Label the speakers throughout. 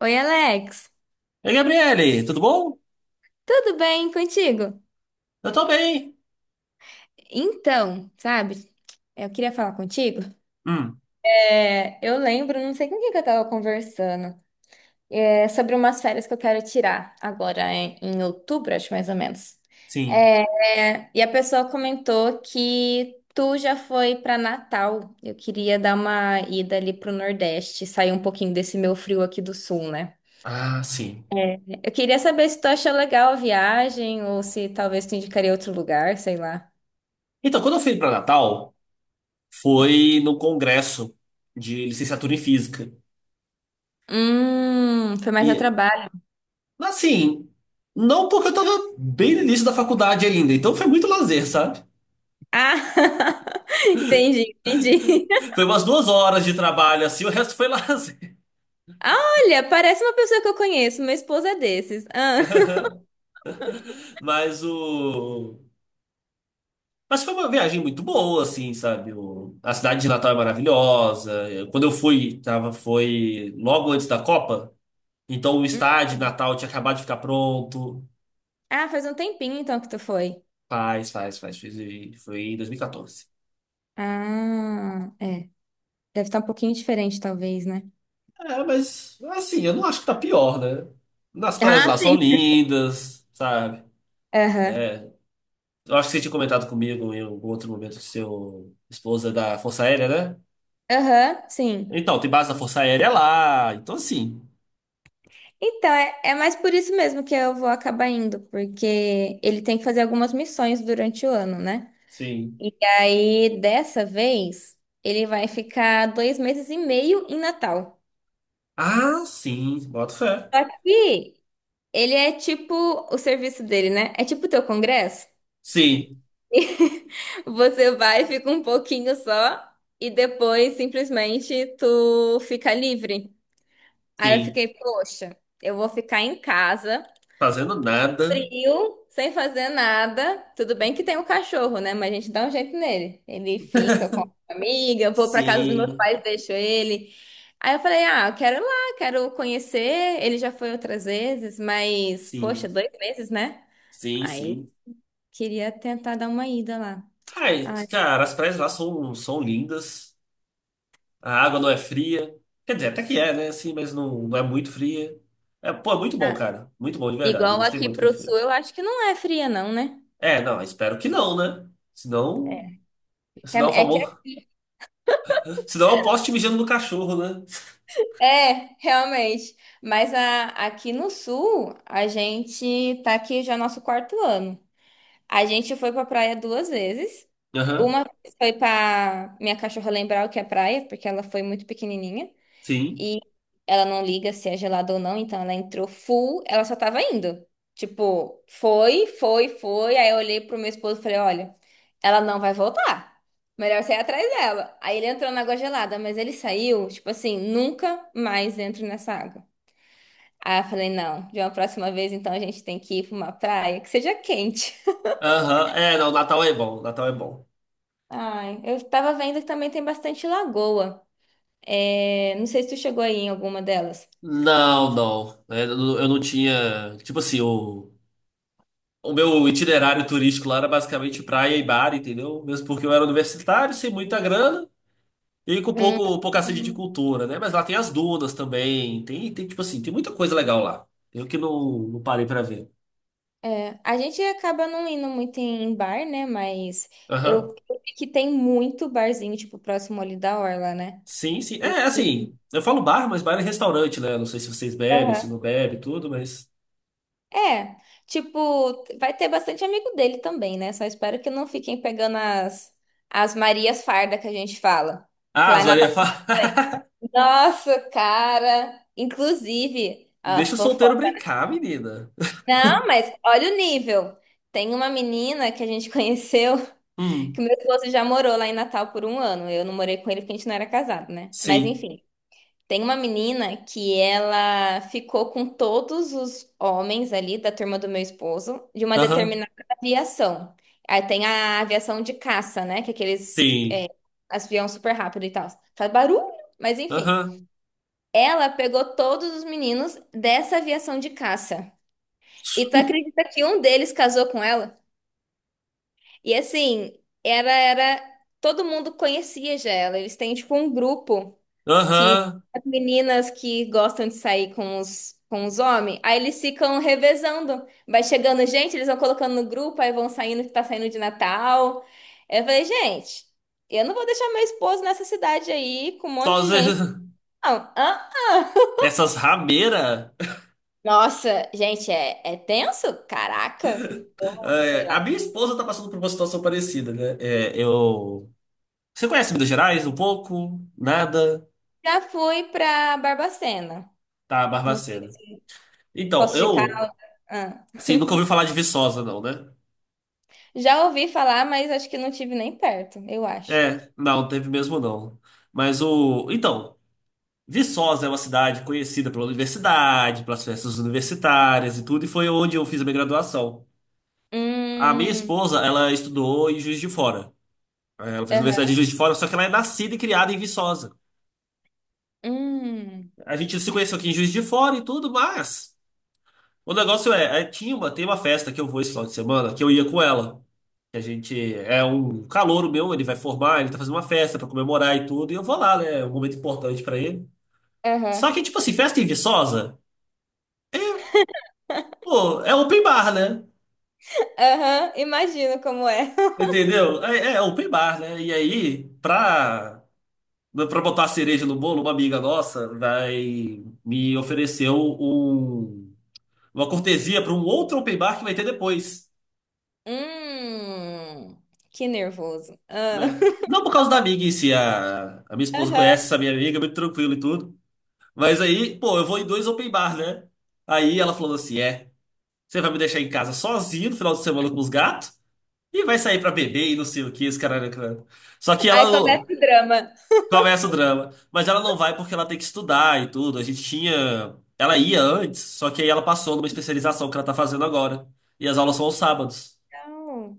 Speaker 1: Oi, Alex.
Speaker 2: Ei, Gabriele, tudo bom?
Speaker 1: Tudo bem contigo?
Speaker 2: Eu tô bem.
Speaker 1: Então, sabe, eu queria falar contigo.
Speaker 2: Hum,
Speaker 1: É, eu lembro, não sei com quem que eu tava conversando, é, sobre umas férias que eu quero tirar agora em outubro, acho mais ou menos.
Speaker 2: sim.
Speaker 1: É, e a pessoa comentou que tu já foi para Natal. Eu queria dar uma ida ali pro Nordeste, sair um pouquinho desse meu frio aqui do Sul, né?
Speaker 2: Ah, sim.
Speaker 1: Eu queria saber se tu achou legal a viagem ou se talvez tu indicaria outro lugar, sei lá.
Speaker 2: Então, quando eu fui para Natal, foi no congresso de licenciatura em física.
Speaker 1: Foi mais a
Speaker 2: E,
Speaker 1: trabalho.
Speaker 2: assim, não porque eu tava bem no início da faculdade ainda, então foi muito lazer, sabe?
Speaker 1: Ah, entendi, entendi.
Speaker 2: Foi umas duas horas de trabalho, assim, o resto foi lazer.
Speaker 1: Ah, olha, parece uma pessoa que eu conheço. Meu esposo é desses. Ah,
Speaker 2: Mas o. Mas foi uma viagem muito boa, assim, sabe? A cidade de Natal é maravilhosa. Quando eu fui, foi logo antes da Copa. Então o estádio de Natal tinha acabado de ficar pronto.
Speaker 1: ah, faz um tempinho então que tu foi.
Speaker 2: Faz. Foi em 2014.
Speaker 1: Ah, é. Deve estar um pouquinho diferente, talvez, né?
Speaker 2: É, mas assim, eu não acho que tá pior, né? Nas praias
Speaker 1: Ah,
Speaker 2: lá são
Speaker 1: sim.
Speaker 2: lindas, sabe?
Speaker 1: Aham,
Speaker 2: É, eu acho que você tinha comentado comigo em algum outro momento que seu esposa é da Força Aérea, né?
Speaker 1: aham, sim.
Speaker 2: Então, tem base da Força Aérea lá. Então, assim.
Speaker 1: Então, é mais por isso mesmo que eu vou acabar indo, porque ele tem que fazer algumas missões durante o ano, né?
Speaker 2: Sim.
Speaker 1: E aí, dessa vez, ele vai ficar 2 meses e meio em Natal.
Speaker 2: Ah, sim. Boto fé.
Speaker 1: Só que ele é tipo o serviço dele, né? É tipo o teu congresso.
Speaker 2: Sim,
Speaker 1: Você vai, fica um pouquinho só e depois simplesmente tu fica livre. Aí eu
Speaker 2: sim.
Speaker 1: fiquei, poxa, eu vou ficar em casa,
Speaker 2: Fazendo nada.
Speaker 1: frio, sem fazer nada. Tudo bem que tem um cachorro, né? Mas a gente dá um jeito nele. Ele fica com a amiga, eu vou pra casa dos meus
Speaker 2: Sim,
Speaker 1: pais, deixo ele. Aí eu falei, ah, eu quero ir lá, quero conhecer. Ele já foi outras vezes, mas, poxa,
Speaker 2: sim.
Speaker 1: 2 meses, né?
Speaker 2: Sim,
Speaker 1: Aí
Speaker 2: sim.
Speaker 1: queria tentar dar uma ida lá.
Speaker 2: Ai,
Speaker 1: Ah,
Speaker 2: cara, as praias lá são lindas. A água não é fria. Quer dizer, até que é, né? Assim, mas não é muito fria. É, pô, é muito bom,
Speaker 1: tá.
Speaker 2: cara. Muito bom, de verdade. Eu
Speaker 1: Igual
Speaker 2: gostei
Speaker 1: aqui
Speaker 2: muito quando
Speaker 1: pro
Speaker 2: foi.
Speaker 1: sul, eu acho que não é fria, não, né?
Speaker 2: É, não, espero que não, né?
Speaker 1: É,
Speaker 2: Senão. Senão, é o
Speaker 1: É que
Speaker 2: famoso. Senão eu posso te mijando no cachorro, né?
Speaker 1: é realmente. Mas aqui no sul, a gente tá aqui já nosso quarto ano. A gente foi pra praia 2 vezes.
Speaker 2: Aham,
Speaker 1: Uma vez foi pra minha cachorra lembrar o que é praia, porque ela foi muito pequenininha.
Speaker 2: sim.
Speaker 1: Ela não liga se é gelado ou não, então ela entrou full, ela só tava indo. Tipo, foi, foi, foi. Aí eu olhei pro meu esposo e falei: olha, ela não vai voltar. Melhor você ir atrás dela. Aí ele entrou na água gelada, mas ele saiu, tipo assim, nunca mais entro nessa água. Aí eu falei: não, de uma próxima vez então a gente tem que ir pra uma praia que seja quente.
Speaker 2: Aham, é, não, Natal é bom, Natal é bom.
Speaker 1: Ai, eu tava vendo que também tem bastante lagoa. É, não sei se tu chegou aí em alguma delas.
Speaker 2: Não, não. É, eu não tinha. Tipo assim, o meu itinerário turístico lá era basicamente praia e bar, entendeu? Mesmo porque eu era universitário, sem muita grana. E com pouca sede de
Speaker 1: Hum.
Speaker 2: cultura, né? Mas lá tem as dunas também. Tem tipo assim, tem muita coisa legal lá. Eu que não parei pra ver.
Speaker 1: É, a gente acaba não indo muito em bar, né? Mas
Speaker 2: Aham.
Speaker 1: eu vi que tem muito barzinho, tipo, próximo ali da Orla, né?
Speaker 2: Sim, sim. É,
Speaker 1: E-
Speaker 2: assim, eu falo bar, mas bar é restaurante, né? Não sei se vocês bebem, se
Speaker 1: Aham.
Speaker 2: não bebem, tudo, mas.
Speaker 1: É, tipo, vai ter bastante amigo dele também, né? Só espero que não fiquem pegando as Marias Farda que a gente fala. Que
Speaker 2: Ah,
Speaker 1: lá
Speaker 2: as
Speaker 1: em Natal
Speaker 2: varinhas
Speaker 1: tem
Speaker 2: falam.
Speaker 1: bastante. Nossa, cara! Inclusive, a
Speaker 2: Deixa o
Speaker 1: fanfoca.
Speaker 2: solteiro brincar, menina.
Speaker 1: Não, mas olha o nível. Tem uma menina que a gente conheceu. Que
Speaker 2: Hum,
Speaker 1: meu esposo já morou lá em Natal por um ano. Eu não morei com ele porque a gente não era casado, né? Mas
Speaker 2: sim.
Speaker 1: enfim, tem uma menina que ela ficou com todos os homens ali da turma do meu esposo de uma
Speaker 2: Aham.
Speaker 1: determinada aviação. Aí tem a aviação de caça, né? Que é aqueles
Speaker 2: Sim.
Speaker 1: avião super rápido e tal. Faz barulho, mas enfim.
Speaker 2: Aham.
Speaker 1: Ela pegou todos os meninos dessa aviação de caça. E tu acredita que um deles casou com ela? E assim, era, todo mundo conhecia já ela. Eles têm tipo um grupo que
Speaker 2: Aham.
Speaker 1: as meninas que gostam de sair com os homens, aí eles ficam revezando. Vai chegando gente, eles vão colocando no grupo, aí vão saindo que tá saindo de Natal. Eu falei, gente, eu não vou deixar meu esposo nessa cidade aí com um
Speaker 2: Só
Speaker 1: monte de
Speaker 2: as-
Speaker 1: gente. Não, ah,
Speaker 2: essas rameiras.
Speaker 1: nossa, gente, é tenso? Caraca. Eu, sei
Speaker 2: É, a
Speaker 1: lá.
Speaker 2: minha esposa tá passando por uma situação parecida, né? É, eu. Você conhece Minas Gerais um pouco? Nada?
Speaker 1: Já fui pra Barbacena.
Speaker 2: Tá,
Speaker 1: Não sei
Speaker 2: Barbacena.
Speaker 1: se
Speaker 2: Então,
Speaker 1: posso de.
Speaker 2: eu,
Speaker 1: Ah,
Speaker 2: assim, nunca ouvi falar de Viçosa, não, né?
Speaker 1: já ouvi falar, mas acho que não tive nem perto, eu acho.
Speaker 2: É, não, teve mesmo não. Mas o. Então, Viçosa é uma cidade conhecida pela universidade, pelas festas universitárias e tudo, e foi onde eu fiz a minha graduação. A minha
Speaker 1: Hum,
Speaker 2: esposa, ela estudou em Juiz de Fora. É, Ela fez universidade em
Speaker 1: aham,
Speaker 2: Juiz de Fora, só que ela é nascida e criada em Viçosa.
Speaker 1: hum,
Speaker 2: A gente se conheceu aqui em Juiz de Fora e tudo, mas. O negócio tinha tem uma festa que eu vou esse final de semana que eu ia com ela. Que A gente é um calouro meu, ele vai formar, ele tá fazendo uma festa pra comemorar e tudo, e eu vou lá, né? É um momento importante pra ele. Só
Speaker 1: aham,
Speaker 2: que, tipo assim, festa em Viçosa, é, pô, é open bar, né?
Speaker 1: aham, imagino como é.
Speaker 2: Entendeu? É open bar, né? E pra botar a cereja no bolo, uma amiga nossa vai me ofereceu uma cortesia pra um outro open bar que vai ter depois,
Speaker 1: Hum, que nervoso. Ah,
Speaker 2: né? Não por causa da amiga em si, a minha esposa
Speaker 1: Aham.
Speaker 2: conhece essa minha amiga, é muito tranquilo e tudo. Mas aí, pô, eu vou em dois open bar, né? Aí ela falou assim: é, você vai me deixar em casa sozinho no final de semana com os gatos e vai sair pra beber e não sei o que, esse caralho." Só que
Speaker 1: Aí
Speaker 2: ela
Speaker 1: começa
Speaker 2: ô,
Speaker 1: o drama.
Speaker 2: começa o drama. Mas ela não vai porque ela tem que estudar e tudo. A gente tinha. Ela ia antes, só que aí ela passou numa especialização que ela tá fazendo agora. E as aulas são aos sábados.
Speaker 1: Não.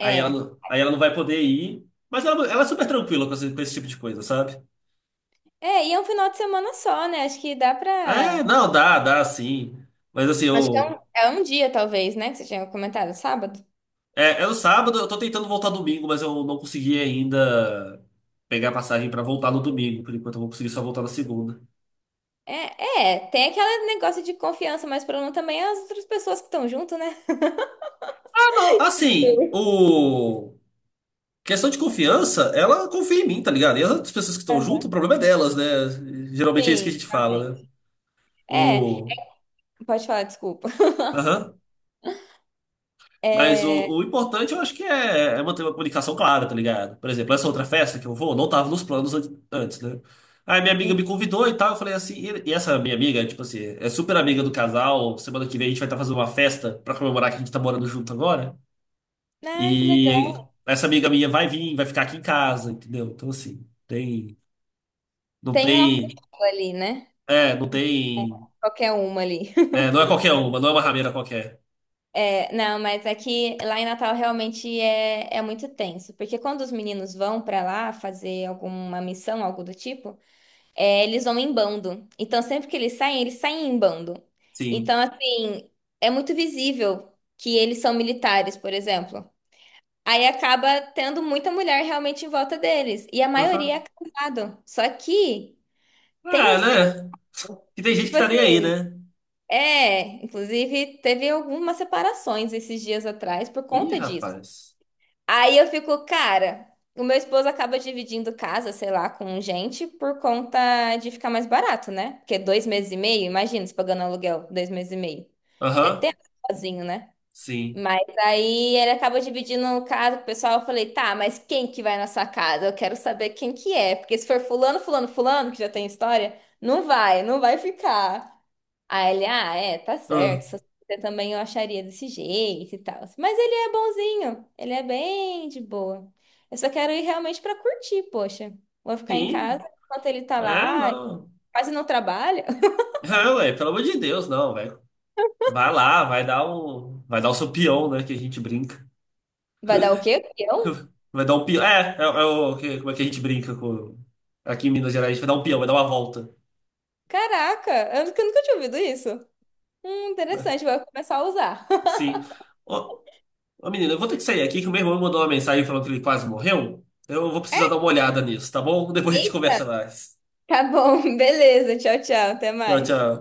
Speaker 2: Aí ela não vai poder ir. Mas ela é super tranquila com com esse tipo de coisa, sabe?
Speaker 1: e é um final de semana só, né? Acho que dá
Speaker 2: É,
Speaker 1: pra.
Speaker 2: não, dá, dá sim. Mas assim,
Speaker 1: Acho que é um,
Speaker 2: eu.
Speaker 1: é um dia, talvez, né? Que você tinha comentado, sábado.
Speaker 2: É, é no sábado, eu tô tentando voltar domingo, mas eu não consegui ainda pegar passagem pra voltar no domingo. Por enquanto eu vou conseguir só voltar na segunda.
Speaker 1: Tem aquele negócio de confiança, mas o problema também é as outras pessoas que estão junto, né?
Speaker 2: Ah, não, assim,
Speaker 1: Sim.
Speaker 2: o... Questão de confiança, ela confia em mim, tá ligado? E as outras pessoas que estão junto, o problema é delas, né? Geralmente é isso que a
Speaker 1: Sim,
Speaker 2: gente fala, né?
Speaker 1: realmente. É,
Speaker 2: O...
Speaker 1: pode falar, desculpa.
Speaker 2: Aham. Mas
Speaker 1: É.
Speaker 2: o importante eu acho que é manter uma comunicação clara, tá ligado? Por exemplo, essa outra festa que eu vou, não tava nos planos antes, né? Aí minha amiga
Speaker 1: Hum.
Speaker 2: me convidou e tal, eu falei assim, e essa minha amiga, tipo assim, é super amiga do casal, semana que vem a gente vai estar fazendo uma festa pra comemorar que a gente tá morando junto agora.
Speaker 1: Ai, que
Speaker 2: E
Speaker 1: legal.
Speaker 2: essa amiga minha vai vir, vai ficar aqui em casa, entendeu? Então assim, tem, não
Speaker 1: Tem uma
Speaker 2: tem,
Speaker 1: costela ali, né?
Speaker 2: é, não
Speaker 1: É,
Speaker 2: tem,
Speaker 1: Qualquer uma ali.
Speaker 2: é, não é qualquer uma, não é uma rameira qualquer.
Speaker 1: É, não, mas é que lá em Natal realmente é muito tenso, porque quando os meninos vão pra lá fazer alguma missão, algo do tipo, eles vão em bando. Então, sempre que eles saem em bando.
Speaker 2: Sim.
Speaker 1: Então, assim, é muito visível que eles são militares, por exemplo. Aí acaba tendo muita mulher realmente em volta deles. E a maioria é
Speaker 2: Aham.
Speaker 1: casado. Só que tem
Speaker 2: Ah,
Speaker 1: uns caras
Speaker 2: né? Que tem
Speaker 1: que,
Speaker 2: gente
Speaker 1: tipo
Speaker 2: que tá nem aí,
Speaker 1: assim,
Speaker 2: né?
Speaker 1: é. Inclusive, teve algumas separações esses dias atrás por
Speaker 2: Ih,
Speaker 1: conta disso.
Speaker 2: rapaz.
Speaker 1: Aí eu fico, cara, o meu esposo acaba dividindo casa, sei lá, com gente por conta de ficar mais barato, né? Porque 2 meses e meio, imagina, se pagando aluguel, 2 meses e meio. É
Speaker 2: Aham,
Speaker 1: tempo sozinho, né?
Speaker 2: sim.
Speaker 1: Mas aí ele acabou dividindo o caso com o pessoal. Eu falei, tá, mas quem que vai na sua casa? Eu quero saber quem que é. Porque se for fulano, fulano, fulano, que já tem história, não vai ficar. Aí ele, ah, é, tá
Speaker 2: Ah,
Speaker 1: certo. Se fosse você também eu acharia desse jeito e tal. Mas ele é bonzinho. Ele é bem de boa. Eu só quero ir realmente pra curtir, poxa. Vou ficar em casa
Speaker 2: sim.
Speaker 1: enquanto ele tá
Speaker 2: Ah,
Speaker 1: lá,
Speaker 2: não.
Speaker 1: quase não trabalha.
Speaker 2: Ah, ué, pelo amor de Deus, não, velho. Vai lá, vai dar um. Vai dar o seu peão, né? Que a gente brinca.
Speaker 1: Vai dar o quê? Eu?
Speaker 2: Vai dar um peão. É Como é que a gente brinca com. Aqui em Minas Gerais, a gente vai dar um peão, vai dar uma volta,
Speaker 1: Caraca, eu nunca tinha ouvido isso.
Speaker 2: né?
Speaker 1: Interessante, vou começar a usar.
Speaker 2: Sim. Ô, ô, menina, eu vou ter que sair aqui que o meu irmão me mandou uma mensagem falando que ele quase morreu. Eu vou
Speaker 1: É?
Speaker 2: precisar dar uma olhada nisso, tá bom? Depois a gente
Speaker 1: Eita,
Speaker 2: conversa mais.
Speaker 1: tá bom, beleza. Tchau, tchau, até
Speaker 2: Tchau,
Speaker 1: mais.
Speaker 2: tchau.